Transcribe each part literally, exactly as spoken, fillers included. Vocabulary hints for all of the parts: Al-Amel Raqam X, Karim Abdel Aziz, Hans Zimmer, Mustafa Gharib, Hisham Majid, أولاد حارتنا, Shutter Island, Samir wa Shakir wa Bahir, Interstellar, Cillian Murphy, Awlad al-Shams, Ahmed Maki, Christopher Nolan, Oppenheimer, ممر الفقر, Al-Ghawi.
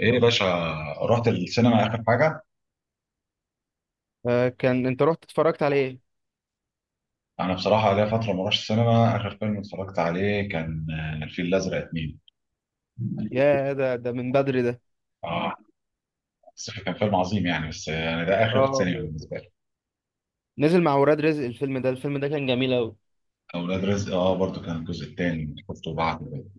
ايه يا باشا؟ رحت السينما اخر حاجه. آه، كان انت رحت اتفرجت على ايه؟ انا بصراحه ليا فتره ما رحتش السينما. اخر فيلم اتفرجت عليه كان آه، الفيل الازرق اتنين. يا، ده ده من بدري ده. اه بس كان فيلم عظيم يعني. بس آه، انا ده اخر اه، سينما بالنسبه لي. نزل مع ولاد رزق. الفيلم ده الفيلم ده كان جميل قوي. اولاد رزق اه برضو، كان الجزء الثاني شفته بعد ال-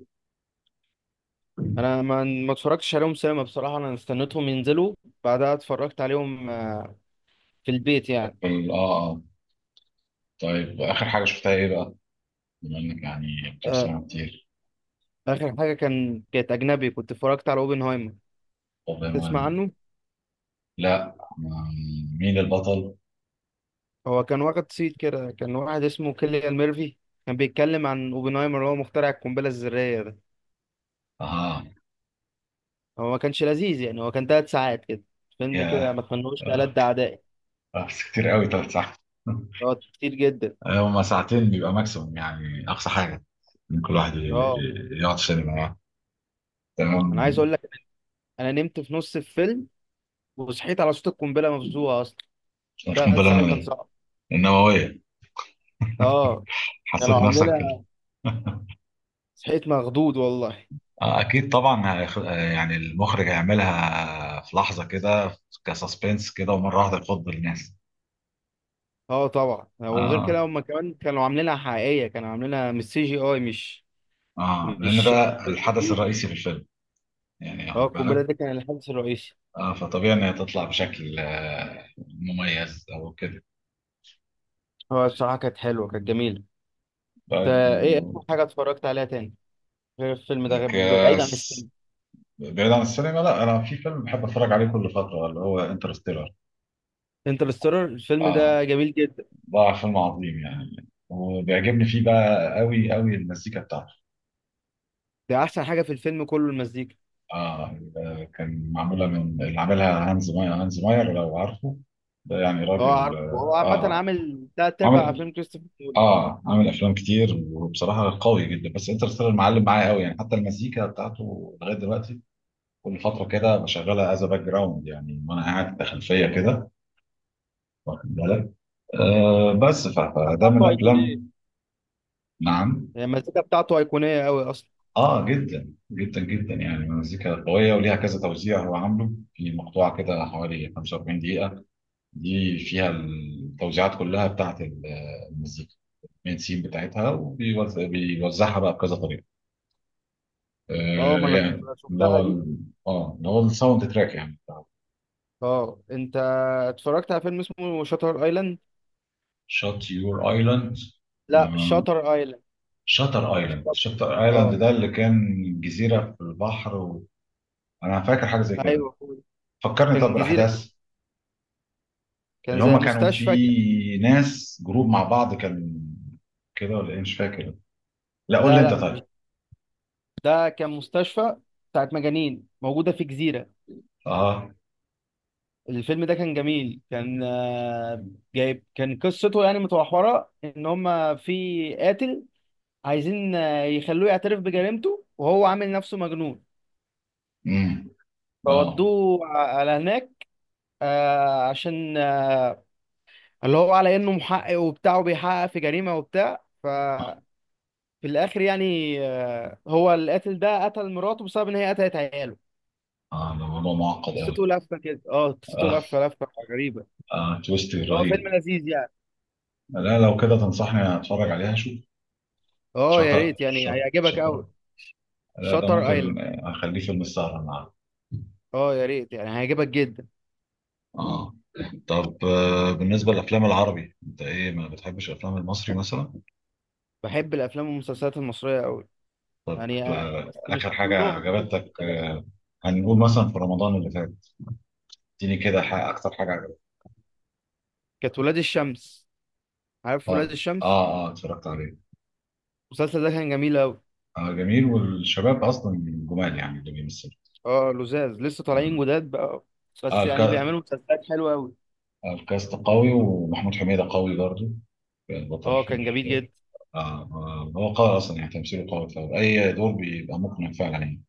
انا ما ما اتفرجتش عليهم سينما بصراحه، انا استنيتهم ينزلوا بعدها اتفرجت عليهم آه، في البيت يعني. اه. اه طيب، اخر حاجه شفتها ايه بقى؟ بما انك يعني بتروح آه، سينما كتير. اخر حاجه كان كانت اجنبي، كنت اتفرجت على اوبنهايمر. طب يا تسمع مان، عنه؟ لا ما- مين البطل؟ هو كان واخد صيت كده، كان واحد اسمه كيليان ميرفي، كان بيتكلم عن اوبنهايمر اللي هو مخترع القنبله الذريه ده. اه. هو ما كانش لذيذ يعني، هو كان ثلاث ساعات كده، فيلم كده ياه. ما تمنوش آه، لألد أعدائي. آه، بس كتير قوي ثلاث ساعات. اه، كتير جدا. آه، هما ساعتين بيبقى ماكسيموم، يعني أقصى حاجة إن كل واحد ي- اه، ي- يقعد سينما بقى. انا تمام. عايز اقول لك، انا نمت في نص الفيلم وصحيت على صوت القنبله مفزوعه اصلا. مش ثلاث قنبلة ساعات كان صعب. النووية؟ اه، كانوا حسيت نفسك كده. عاملينها، صحيت مخضوض والله. آه، أكيد طبعا هيخ- آه، يعني المخرج هيعملها في لحظة كده، كسسبنس كده ومرة واحدة يخض الناس. اه طبعا، وغير كده آه، هم كمان كانوا عاملينها حقيقيه، كانوا عاملينها مش سي جي اي، مش آه، لأن مش ده الحدث بالكمبيوتر. الرئيسي في الفيلم، يعني اه، واخد القنبله بالك. ده كان الحدث الرئيسي. آه، فطبيعي إن هي تطلع بشكل آه، مميز أو كده. هو بصراحه كانت حلوه كانت جميله. انت، طيب ايه و- اكتر حاجه اتفرجت عليها تاني غير الفيلم ده، غير- بعيد عن كاس. السينما؟ بعيد عن السينما، لا انا في فيلم بحب اتفرج عليه كل فتره، اللي هو انترستيلر. انترستيلر الفيلم اه ده جميل جدا. ده فيلم عظيم يعني، وبيعجبني فيه بقى قوي قوي المزيكا بتاعته. ده احسن حاجه في الفيلم كله، المزيكا. اه آه، كان معموله من اللي عاملها هانز ماير. هانز ماير لو عارفه، ده يعني اه، راجل عارفه. هو اه عامة آه، عامل تلات أرباع عامل. أفلام كريستوفر نولان. اه عامل افلام كتير وبصراحه قوي جدا، بس انترستيلر معلم معايا قوي يعني، حتى المزيكا بتاعته لغايه دلوقتي كل فتره كده بشغلها از باك جراوند يعني، وانا قاعد في خلفيه كده، واخد بالك. آه بس ف- المزيكا فده من بتاعته أيقونية، افلام. نعم. يعني المزيكا بتاعته أيقونية أوي أصلا. اه جدا جدا جدا، يعني مزيكا قويه وليها كذا توزيع. هو عامله في مقطوعه كده حوالي خمسة وأربعين دقيقه، دي فيها التوزيعات كلها بتاعت ال- المزيكا، المين سين بتاعتها، وبيوزعها بقى بكذا طريقه. اه، ما آه أنا يعني اللي شفتها هو دي. ال- اه اللي هو الساوند تراك يعني بتاع. اه، أنت اتفرجت على فيلم اسمه شاتر أيلاند؟ شات يور ايلاند. لا، شاتر أيلاند، شاتر ايلاند، شاتر، شاتر ايلاند اه. ده اللي كان جزيره في البحر و... انا فاكر حاجه زي كده. أيوه هو ده. فكرني طب كان جزيرة كده، بالاحداث. كان اللي زي هم كانوا مستشفى كده. في ناس جروب مع بعض كان كده ولا ايه، مش فاكر. لا قول لي لا انت لا، طيب. مش. ده كان مستشفى بتاعت مجانين موجودة في جزيرة. اه. الفيلم ده كان جميل، كان آه، جايب، كان قصته يعني متمحورة إن هما في قاتل عايزين آه، يخلوه يعترف بجريمته، وهو عامل نفسه مجنون، امم. اه. فودوه ع- على هناك آه، عشان آه، اللي هو على انه محقق وبتاع، وبيحقق في جريمة وبتاع، ففي الاخر يعني آه، هو القاتل ده قتل مراته بسبب ان هي قتلت عياله. اه ده موضوع معقد قوي. قصته لفة كده، اه قصته اه. لفة لفة غريبة. اه تويست هو رهيب. فيلم لذيذ يعني. لا لو كده تنصحني اتفرج عليها اشوف. اه، يا شاطر. ريت يعني شاطر هيعجبك شاطر. قوي. لا ده شاتر ايلاند، ممكن آه، اخليه فيلم السهرة النهارده. اه يا ريت يعني هيعجبك جدا. اه. طب آه، بالنسبة للافلام العربي، انت ايه؟ ما بتحبش الافلام المصري مثلا؟ بحب الافلام والمسلسلات المصرية قوي. طب يعني آه، آه، بس آخر مش حاجة كلهم، الحاجات عجبتك دي بس. آه، هنقول مثلا في رمضان اللي فات، اديني كده حاجة، أكتر حاجة عجبتك. كانت ولاد الشمس، عارف ولاد اه. الشمس؟ اه. اه اتفرجت عليه. المسلسل ده كان جميل أوي. آه جميل، والشباب أصلا جمال يعني اللي بيمثلوا. اه لزاز لسه اه طالعين جداد بقى، آه، بس يعني الكا- بيعملوا مسلسلات حلوة أوي. آه، الكاست قوي، ومحمود حميدة قوي برضه، بطل اه في كان جميل ال- جدا. آه. آه، هو قوي أصلا يعني، تمثيله قوي فأي دور بيبقى مقنع فعلا يعني.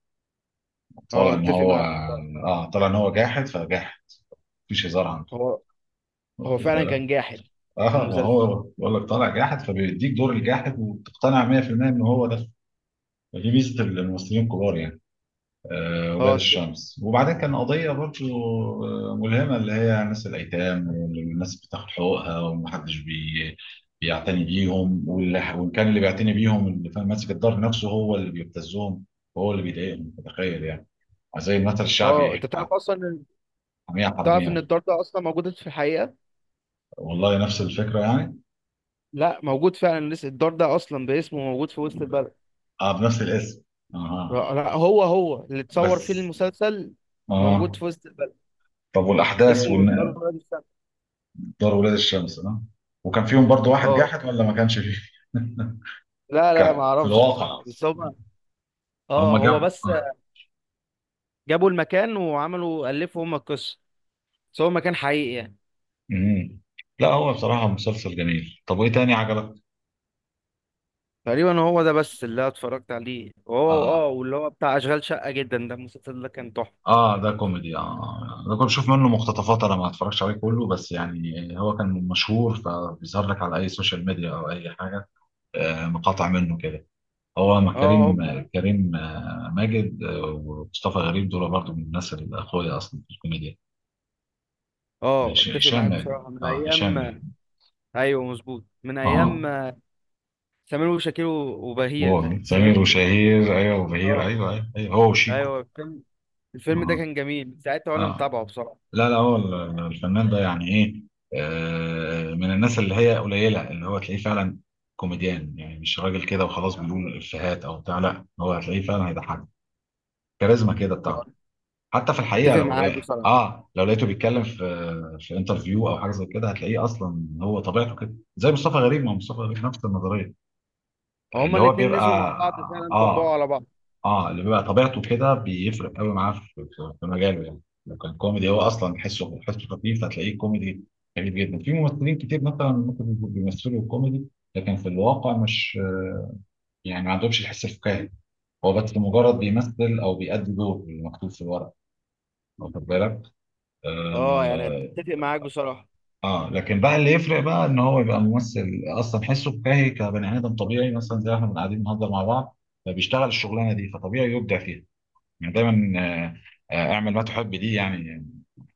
اه طالع إن اتفق هو معاك اه بصراحة. آه، طالع إن هو جاحد فجاحد، مفيش هزار عنده، هو هو واخد فعلا بالك. كان جاحد اه ما المسلسل. هو بقول لك طالع جاحد فبيديك دور الجاحد وبتقتنع مية في المية ان هو ده. دي ميزه الممثلين الكبار يعني. آه ولاد اه اتفق. الشمس، وبعدين كان قضيه برضه آه، ملهمه، اللي هي ناس الايتام والناس بتاخد حقوقها ومحدش بي بيعتني بيهم، واللي- وان كان اللي بيعتني بيهم اللي فاهم ماسك الدار نفسه هو اللي بيبتزهم وهو اللي بيضايقهم، تخيل يعني، زي المثل اه انت الشعبي، تعرف اصلا إن- حمية تعرف ان حرامية. الدار ده اصلا موجود في الحقيقة. والله نفس الفكرة يعني. لا، موجود فعلا، لسه الدار ده اصلا باسمه موجود في وسط البلد. اه بنفس الاسم. اها لا لا، هو هو اللي اتصور فيه بس. المسلسل، موجود اه. في وسط البلد، طب والأحداث اسمه الدار ودار ولاد الشمس. ولاد الشمس، ها؟ وكان فيهم برضو واحد اه، جاحد ولا ما كانش فيه؟ لا لا ما كان في اعرفش الواقع. بصراحه بس هم، اه هم هو جابوا بس آه. جابوا المكان وعملوا الفوا هم القصه، بس هو مكان حقيقي يعني. مم. لا هو بصراحة مسلسل جميل. طب وإيه تاني عجبك؟ تقريبا هو ده بس اللي أنا اتفرجت عليه، وهو اه آه. واللي هو بتاع اشغال شقه جدا ده، المسلسل ده كان تحفه. آه ده كوميدي، آه ده كنت بشوف منه مقتطفات، أنا ما اتفرجتش عليه كله، بس يعني هو كان مشهور فبيظهر لك على أي سوشيال ميديا أو أي حاجة، آه مقاطع منه كده. هو مع اه كريم، هم. كريم آه، ماجد آه، ومصطفى غريب، دول برضو من الناس اللي أخويا أصلا في الكوميديا. اه ماشي، اتفق هشام معاك ماجد، بصراحه من اه ايام. هشام ماجد. ايوه مظبوط من اه. ايام سمير وشاكير وبهير، هو ده سمير سمير وشاكير. وشهير ايوه وبهير، اه ايوه ايوه، أيوة. هو وشيكو. ايوه، الفيلم الفيلم ده اه. كان جميل، من ساعتها وانا اه متابعه بصراحه. لا لا، هو ال- الفنان ده يعني ايه، آه من الناس اللي هي قليله، اللي هو تلاقيه فعلا كوميديان يعني، مش راجل كده وخلاص بيقول افيهات او بتاع، لا هو هتلاقيه فعلا هيضحك، كاريزما كده آه، بتاعته. حتى في الحقيقه اتفق لو معاك لقى بصراحه، اه لو لقيته بيتكلم في في انترفيو او حاجه زي كده، هتلاقيه اصلا هو طبيعته كده، زي مصطفى غريب. ما هو مصطفى غريب نفس النظريه، هما اللي هو الاتنين نزلوا مع بيبقى بعض فعلا طبقوا اه. على بعض. اه اللي بيبقى طبيعته كده بيفرق قوي معاه في في- في مجاله يعني، لو كان كوميدي هو اصلا حسه حسه خفيف، هتلاقيه كوميدي خفيف جدا. في ممثلين كتير مثلا ممكن يبقوا بيمثلوا كوميدي لكن في الواقع مش، يعني ما عندهمش الحس الفكاهي، هو بس مجرد بيمثل او بيأدي دور مكتوب في الورق، واخد بالك. اه يعني آه. اتفق معاك بصراحة. اه لكن بقى اللي يفرق بقى ان هو يبقى ممثل اصلا حسه فكاهي كبني ادم طبيعي، مثلا زي احنا بنبقى قاعدين بنهزر مع بعض، فبيشتغل الشغلانه دي، فطبيعي يبدع فيها يعني. دايما آه، آه، اعمل ما تحب دي يعني،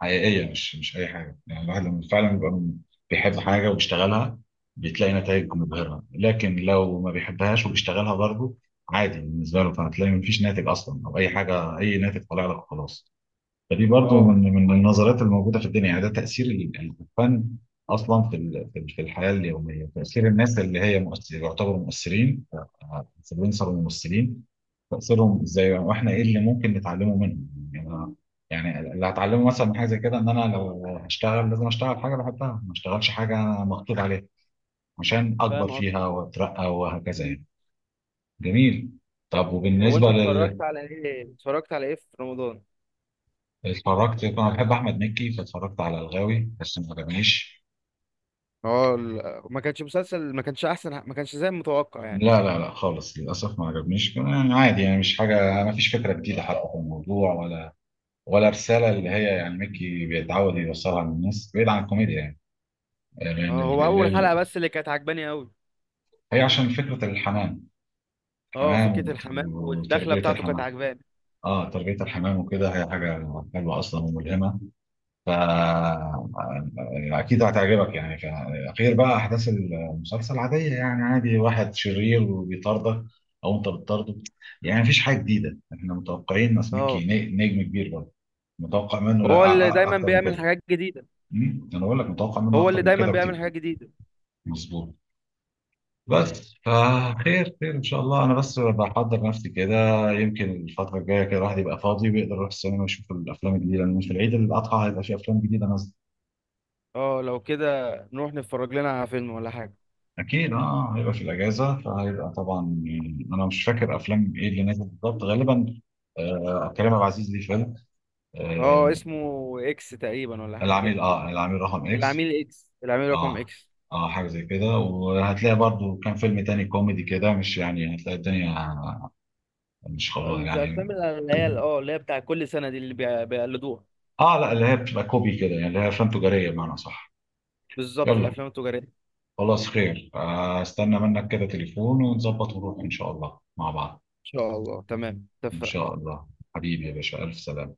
حقيقيه، مش مش اي حاجه يعني. الواحد لما فعلا بيبقى بيحب حاجه وبيشتغلها بتلاقي نتائج مبهره، لكن لو ما بيحبهاش وبيشتغلها برضه عادي بالنسبه له، فهتلاقي مفيش ناتج اصلا، او اي حاجه، اي ناتج طالع لك خلاص. فدي برضو اه من من النظريات الموجوده في الدنيا يعني. ده تاثير ال- الفن اصلا في ال- في ال- في الحياه اليوميه، تاثير الناس اللي هي مؤثر، يعتبروا مؤثرين، انفلونسر وممثلين، تاثيرهم ازاي، واحنا ايه اللي ممكن نتعلمه منهم. يعني أنا- يعني اللي هتعلمه مثلا من حاجه زي كده ان انا لو هشتغل لازم اشتغل حاجه بحبها، ما اشتغلش حاجه انا مخطوط عليها، عشان اكبر فاهم فيها اكتر. واترقى وهكذا يعني. جميل. طيب، طب هو انت وبالنسبه لل. اتفرجت على ايه اتفرجت على ايه في رمضان؟ اتفرجت، انا بحب احمد مكي فاتفرجت على الغاوي بس ما عجبنيش. اه، ال- ما كانش مسلسل، ما كانش احسن، ما كانش زي المتوقع يعني. لا لا لا خالص، للأسف ما عجبنيش كمان، يعني عادي يعني، مش حاجة، ما فيش فكرة جديدة حتى في الموضوع، ولا ولا رسالة اللي هي يعني ميكي بيتعود يوصلها للناس بعيد عن الكوميديا يعني. يعني لأن اه، ال- هو ال- اول حلقة ال- بس اللي كانت عجباني قوي. هي عشان فكرة الحمام، اه حمام فكرة وت- الحمام والدخلة وتربية بتاعته كانت الحمام. عجباني. اه تربية الحمام وكده هي حاجة حلوة أصلا وملهمة، ف اكيد هتعجبك يعني. ف- غير بقى احداث المسلسل عاديه يعني، عادي واحد شرير وبيطاردك او انت بتطارده، يعني مفيش حاجه جديده، احنا متوقعين ناس اه مكي ن- نجم كبير برضه، متوقع منه لا هو اللي أ- أ- دايما اكتر من بيعمل كده. حاجات جديدة. أمم، انا بقول لك متوقع منه هو اكتر اللي من دايما كده بيعمل بكتير. حاجات جديدة. مظبوط. بس فخير خير ان شاء الله، انا بس بحضر نفسي كده، يمكن الفتره الجايه كده الواحد يبقى فاضي ويقدر يروح السينما يشوف الافلام الجديده، لان في العيد الاضحى هيبقى في افلام جديده نازله. اه، لو كده نروح نتفرج لنا على فيلم ولا حاجة. اكيد اه، آه، هيبقى في الاجازه فهيبقى طبعا يعني. انا مش فاكر افلام ايه اللي نازل بالظبط، غالبا آه كريم عبد العزيز ليه فيلم، اه آه اسمه اكس تقريبا، ولا حاجة كده. العميل، اه العميل رقم اكس. العميل اكس، العميل رقم اه، اكس. اه حاجه زي كده. وهتلاقي برضو كان فيلم تاني كوميدي كده، مش يعني هتلاقي الدنيا، مش خلاص الافلام يعني. اللي هي اه اللي هي بتاع كل سنه دي، اللي بي- بيقلدوها. اه لا، اللي هي بتبقى كوبي كده يعني، اللي هي افلام تجاريه آه. بمعنى صح. بالظبط يلا الافلام التجاريه. ان خلاص، خير. آه، استنى منك كده تليفون ونظبط ونروح ان شاء الله مع بعض. شاء الله، تمام، ان اتفقنا. شاء الله. حبيبي يا باشا، الف سلامه.